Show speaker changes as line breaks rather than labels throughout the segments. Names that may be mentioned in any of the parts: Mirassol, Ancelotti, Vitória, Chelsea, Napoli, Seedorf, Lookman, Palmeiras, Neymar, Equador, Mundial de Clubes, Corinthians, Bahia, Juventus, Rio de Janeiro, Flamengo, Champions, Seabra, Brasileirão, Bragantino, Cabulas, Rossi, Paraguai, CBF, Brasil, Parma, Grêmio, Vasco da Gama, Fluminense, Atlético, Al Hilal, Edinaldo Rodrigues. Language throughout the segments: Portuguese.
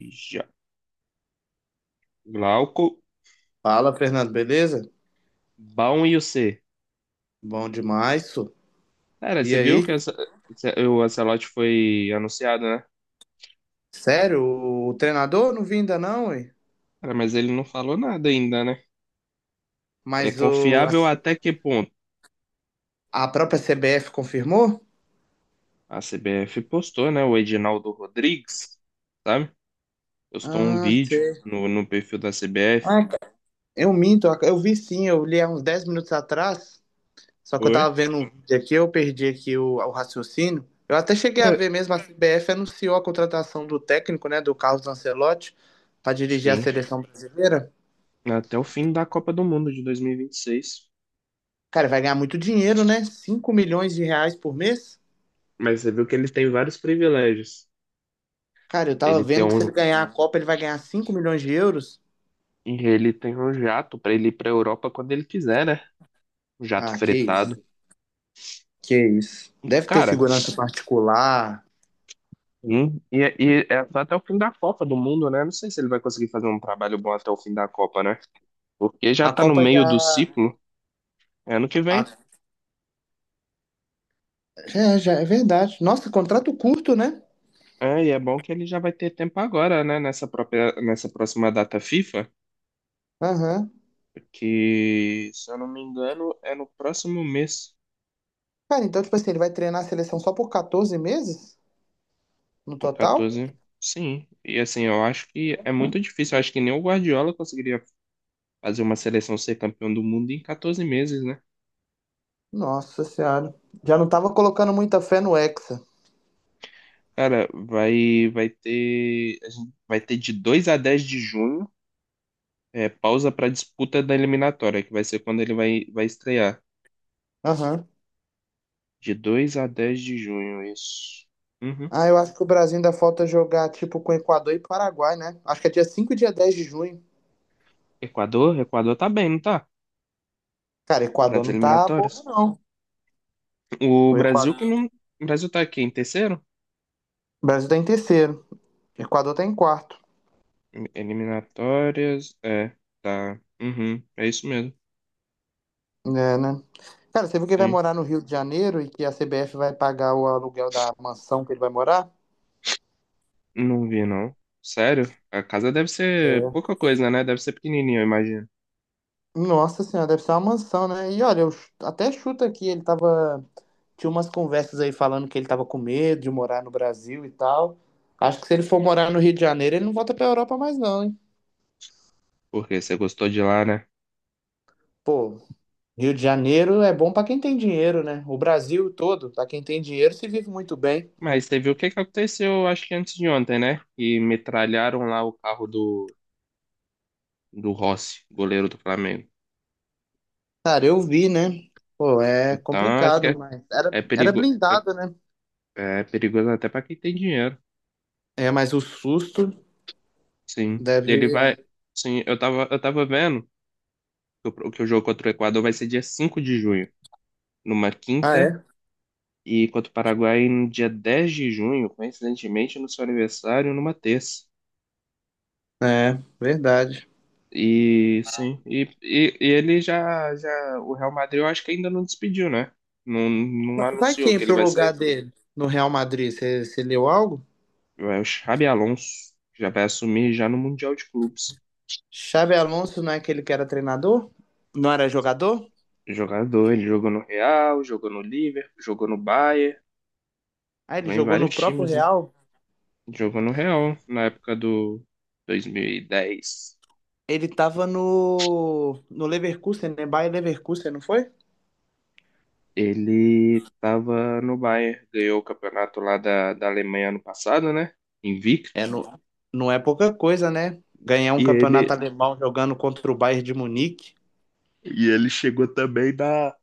Já. Glauco,
Fala, Fernando, beleza?
Baum e o C.
Bom demais, isso.
Cara,
E
você viu
aí?
que o Ancelotti foi anunciado, né?
Sério, o treinador não vim ainda não, ué?
Cara, mas ele não falou nada ainda, né? É
Mas o,
confiável até que ponto?
a, a própria CBF confirmou?
A CBF postou, né? O Edinaldo Rodrigues, sabe? Postou um
Ah,
vídeo
sei.
no perfil da CBF.
Ah, eu minto, eu vi sim, eu li há uns 10 minutos atrás, só que eu tava
Foi?
vendo um vídeo aqui, eu perdi aqui o raciocínio. Eu até cheguei a
É.
ver mesmo, a CBF anunciou a contratação do técnico, né, do Carlos Ancelotti, para dirigir a
Sim,
seleção brasileira.
até o fim da Copa do Mundo de dois mil e vinte e seis.
Cara, vai ganhar muito dinheiro, né? 5 milhões de reais por mês?
Mas você viu que ele tem vários privilégios.
Cara, eu tava
Ele tem
vendo que se ele
um,
ganhar a Copa, ele vai ganhar 5 milhões de euros.
ele tem um jato para ele ir para Europa quando ele quiser, né? Jato
Ah, que isso.
fretado.
Que isso. Deve ter
Cara,
segurança particular.
sim, e é só até o fim da Copa do Mundo, né? Não sei se ele vai conseguir fazer um trabalho bom até o fim da Copa, né? Porque já
A
tá no
Copa
meio do
já.
ciclo, é ano que
a-
vem.
É, já é verdade. Nossa, contrato curto, né?
É, e é bom que ele já vai ter tempo agora, né? Nessa própria, nessa próxima data FIFA,
Aham.
que, se eu não me engano, é no próximo mês,
Cara, então, tipo assim, ele vai treinar a seleção só por 14 meses no
o
total?
14. Sim, e assim, eu acho que é muito difícil. Eu acho que nem o Guardiola conseguiria fazer uma seleção ser campeão do mundo em 14 meses, né?
Nossa Senhora. Já não tava colocando muita fé no Hexa.
Cara, vai ter, a gente vai ter de 2 a 10 de junho, é, pausa para disputa da eliminatória, que vai ser quando ele vai estrear.
Aham.
De 2 a 10 de junho, isso. Uhum.
Ah, eu acho que o Brasil ainda falta jogar, tipo, com Equador e Paraguai, né? Acho que é dia 5 e dia 10 de junho.
Equador, Equador tá bem, não tá?
Cara, Equador
Nas
não tá
eliminatórias.
bobo, não.
O
O
Brasil que
Equador.
não, o Brasil tá aqui em terceiro?
O Brasil tá em terceiro. O Equador tá em quarto.
Eliminatórias, é, tá. Uhum, é isso mesmo.
É, né? Cara, você viu que ele vai
Sim.
morar no Rio de Janeiro e que a CBF vai pagar o aluguel da mansão que ele vai morar?
Não vi, não. Sério? A casa deve ser
É.
pouca coisa, né? Deve ser pequenininha, eu imagino.
Nossa senhora, deve ser uma mansão, né? E olha, eu até chuto aqui, ele tava. Tinha umas conversas aí falando que ele tava com medo de morar no Brasil e tal. Acho que se ele for morar no Rio de Janeiro, ele não volta pra Europa mais, não, hein?
Porque você gostou de lá, né?
Pô, Rio de Janeiro é bom pra quem tem dinheiro, né? O Brasil todo, pra quem tem dinheiro, se vive muito bem.
Mas teve o que que aconteceu, acho que antes de ontem, né? E metralharam lá o carro do, do Rossi, goleiro do Flamengo.
Cara, eu vi, né? Pô, é
Então, acho que
complicado, mas era,
é,
era
perigo,
blindado, né?
é perigoso até pra quem tem dinheiro.
É, mas o susto
Sim. Ele
deve.
vai. Sim, eu tava vendo que o jogo contra o Equador vai ser dia 5 de junho, numa
Ah,
quinta,
é?
e contra o Paraguai no dia 10 de junho, coincidentemente, no seu aniversário, numa terça.
É, verdade.
E sim, e ele já, o Real Madrid eu acho que ainda não despediu, né? Não, não
Vai
anunciou
quem
que ele
pro
vai
lugar
sair.
dele no Real Madrid? Você leu algo?
Vai o Xabi Alonso já vai assumir já no Mundial de Clubes.
Xabi Alonso não é aquele que era treinador? Não era jogador?
Jogador, ele jogou no Real, jogou no Liverpool, jogou no Bayern,
Ah, ele
jogou em
jogou
vários
no próprio
times, né?
Real.
Jogou no Real na época do 2010.
Ele tava no Leverkusen, né? Bayer Leverkusen, não foi?
Ele tava no Bayern, ganhou o campeonato lá da Alemanha ano passado, né? Invicto.
É, não, não é pouca coisa, né? Ganhar um
E ele,
campeonato alemão jogando contra o Bayern de Munique,
e ele chegou também da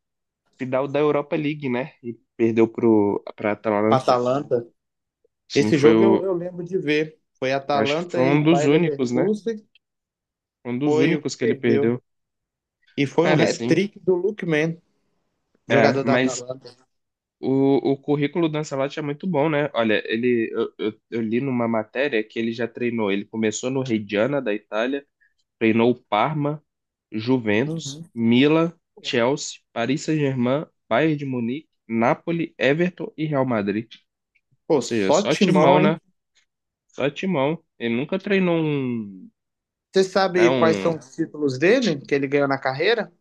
final da Europa League, né? E perdeu pra
pra
Atalanta.
Atalanta.
Sim,
Esse
foi
jogo eu,
o.
eu lembro de ver. Foi
Acho que foi
Atalanta
um
e
dos
Bayer
únicos, né?
Leverkusen.
Um dos
Foi o que
únicos que ele
perdeu.
perdeu.
E foi um
Cara, sim.
hat-trick do Lookman,
É,
jogador da
mas
Atalanta.
o currículo do Ancelotti é muito bom, né? Olha, eu li numa matéria que ele já treinou. Ele começou no Reggiana da Itália, treinou o Parma, Juventus,
Uhum.
Milan, Chelsea, Paris Saint-Germain, Bayern de Munique, Napoli, Everton e Real Madrid.
Pô,
Ou seja,
só
só
timão,
timão,
hein?
né? Só Timão. Ele nunca treinou um,
Você
né,
sabe quais
um...
são os títulos dele que ele ganhou na carreira?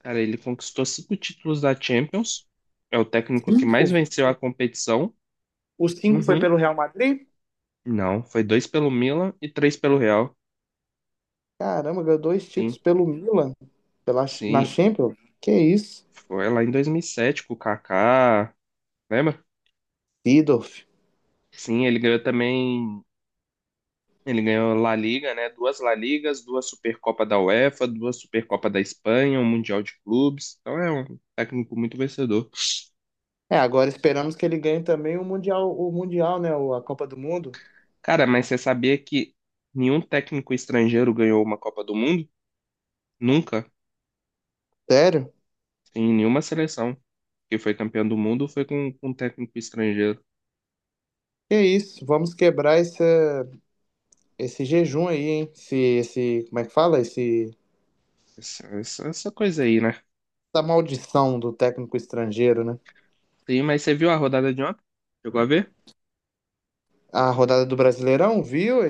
Cara, ele conquistou cinco títulos da Champions. É o técnico que
Cinco.
mais venceu a competição.
Os cinco foi
Uhum.
pelo Real Madrid?
Não, foi dois pelo Milan e três pelo Real.
Caramba, ganhou dois
Sim,
títulos pelo Milan, pela, na
sim.
Champions. Que isso?
Foi lá em 2007 com o Kaká, lembra?
Seedorf.
Sim, ele ganhou também. Ele ganhou La Liga, né? Duas La Ligas, duas Supercopa da UEFA, duas Supercopa da Espanha, um Mundial de Clubes. Então é um técnico muito vencedor.
É, agora esperamos que ele ganhe também o Mundial, né? A Copa do Mundo.
Cara, mas você sabia que nenhum técnico estrangeiro ganhou uma Copa do Mundo? Nunca.
Sério?
Em nenhuma seleção que foi campeão do mundo foi com um técnico estrangeiro.
Que isso? Vamos quebrar essa, esse jejum aí, hein? Esse, como é que fala?
Essa, essa coisa aí, né?
Essa maldição do técnico estrangeiro, né?
Sim, mas você viu a rodada de ontem? Chegou a ver?
A rodada do Brasileirão, viu?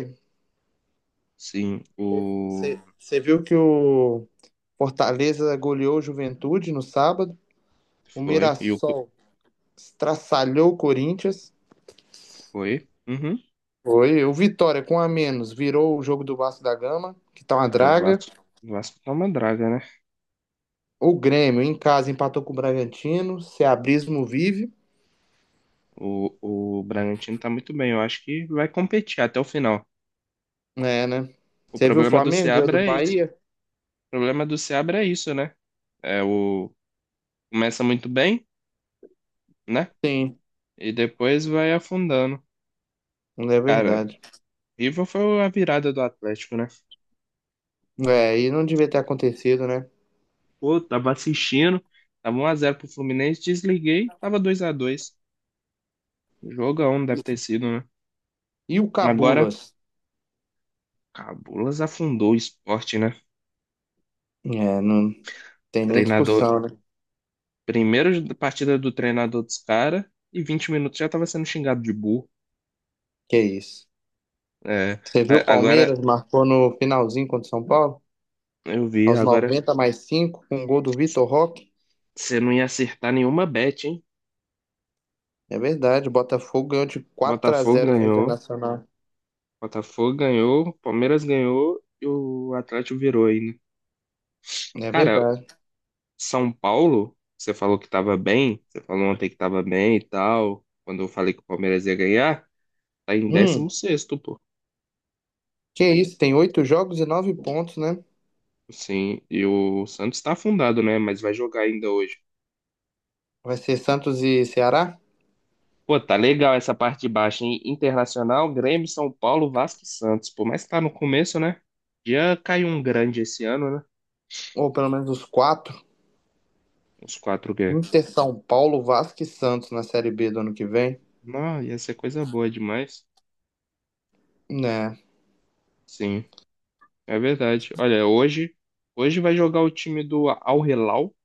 Sim, o.
Você viu que o Fortaleza goleou o Juventude no sábado, o
Foi. E o.
Mirassol estraçalhou o Corinthians,
Foi. Uhum.
foi o Vitória com a menos virou o jogo do Vasco da Gama, que tá uma
Cara, o
draga.
Vasco. O Vasco tá uma draga, né?
O Grêmio em casa empatou com o Bragantino, Ceabrismo vive,
O Bragantino tá muito bem. Eu acho que vai competir até o final.
é, né?
O
Você viu o
problema do
Flamengo ganhou do
Seabra é isso.
Bahia?
O problema do Seabra é isso, né? É o. Começa muito bem, né?
Sim,
E depois vai afundando.
não é
Cara,
verdade.
River foi a virada do Atlético, né?
É, e não devia ter acontecido, né?
Pô, tava assistindo, tava 1-0 pro Fluminense, desliguei, tava 2-2. Jogão deve ter sido, né?
E o
Agora,
Cabulas?
Cabulas afundou o esporte, né?
É, não tem nem
Treinador,
discussão, né?
primeiro partida do treinador dos caras e 20 minutos já tava sendo xingado de burro.
Que isso.
É,
Você viu o
agora,
Palmeiras marcou no finalzinho contra o São Paulo?
eu vi,
Aos
agora
90+5 com um gol do Vitor Roque?
você não ia acertar nenhuma bet, hein?
É verdade, o Botafogo ganhou de 4 a
Botafogo
zero do
ganhou,
Internacional.
Botafogo ganhou, Palmeiras ganhou e o Atlético virou aí, né?
É
Cara,
verdade.
São Paulo, você falou que tava bem, você falou ontem que tava bem e tal, quando eu falei que o Palmeiras ia ganhar, tá em
Hum,
16º, pô.
que isso, tem oito jogos e nove pontos, né?
Sim, e o Santos tá afundado, né? Mas vai jogar ainda hoje.
Vai ser Santos e Ceará?
Pô, tá legal essa parte de baixo, hein? Internacional, Grêmio, São Paulo, Vasco e Santos. Por mais que tá no começo, né? Já caiu um grande esse ano, né?
Ou pelo menos os quatro.
Uns quatro G.
Inter, São Paulo, Vasco e Santos na Série B do ano que vem.
Não, ia ser coisa boa demais.
Né?
Sim. É verdade. Olha, hoje, hoje vai jogar o time do Al Hilal.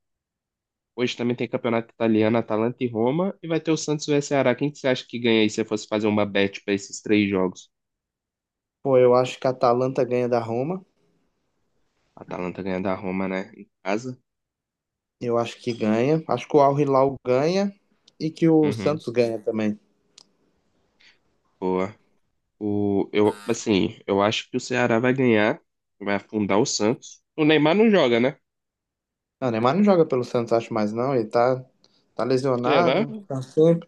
Hoje também tem campeonato italiano, Atalanta e Roma. E vai ter o Santos vs Ceará. Quem que você acha que ganha aí se você fosse fazer uma bet para esses três jogos?
Pô, eu acho que a Atalanta ganha da Roma.
A Atalanta ganha da Roma, né? Em casa?
Eu acho que ganha. Acho que o Al Hilal ganha e que o
Uhum.
Santos ganha também.
Boa. O, eu, assim, eu acho que o Ceará vai ganhar. Vai afundar o Santos. O Neymar não joga, né?
Não, o Neymar não joga pelo Santos, acho mais não. Ele tá
Será?
lesionado, tá sempre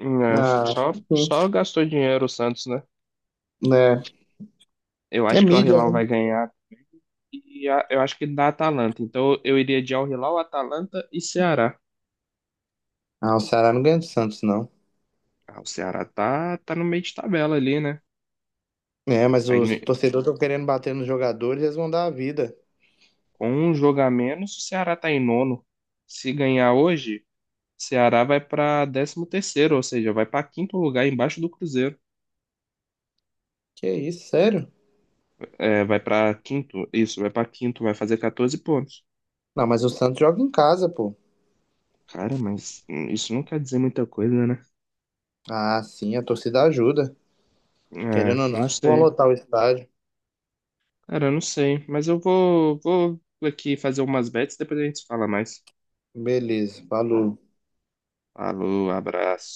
Não,
na. Acho
só,
que sim.
só gastou dinheiro o Santos, né?
Né?
Eu
É
acho que o Al
mídia,
Hilal
né?
vai ganhar. Eu acho que da Atalanta. Então eu iria de Al-Hilal, Atalanta e Ceará.
Ah, o Ceará não ganha do Santos, não.
Ah, o Ceará tá no meio de tabela ali, né?
É, mas
Tá
os
em-
torcedores estão querendo bater nos jogadores, eles vão dar a vida.
com um jogo a menos, o Ceará tá em nono. Se ganhar hoje, o Ceará vai pra 13º, ou seja, vai pra quinto lugar embaixo do Cruzeiro.
Que isso, sério?
É, vai pra quinto, isso, vai pra quinto, vai fazer 14 pontos.
Não, mas o Santos joga em casa, pô.
Cara, mas isso não quer dizer muita coisa, né?
Ah, sim, a torcida ajuda.
É,
Querendo ou não,
não
acho que vão
sei.
lotar o estádio.
Cara, eu não sei. Mas eu vou aqui fazer umas bets, depois a gente fala mais.
Beleza, falou.
Falou, abraço.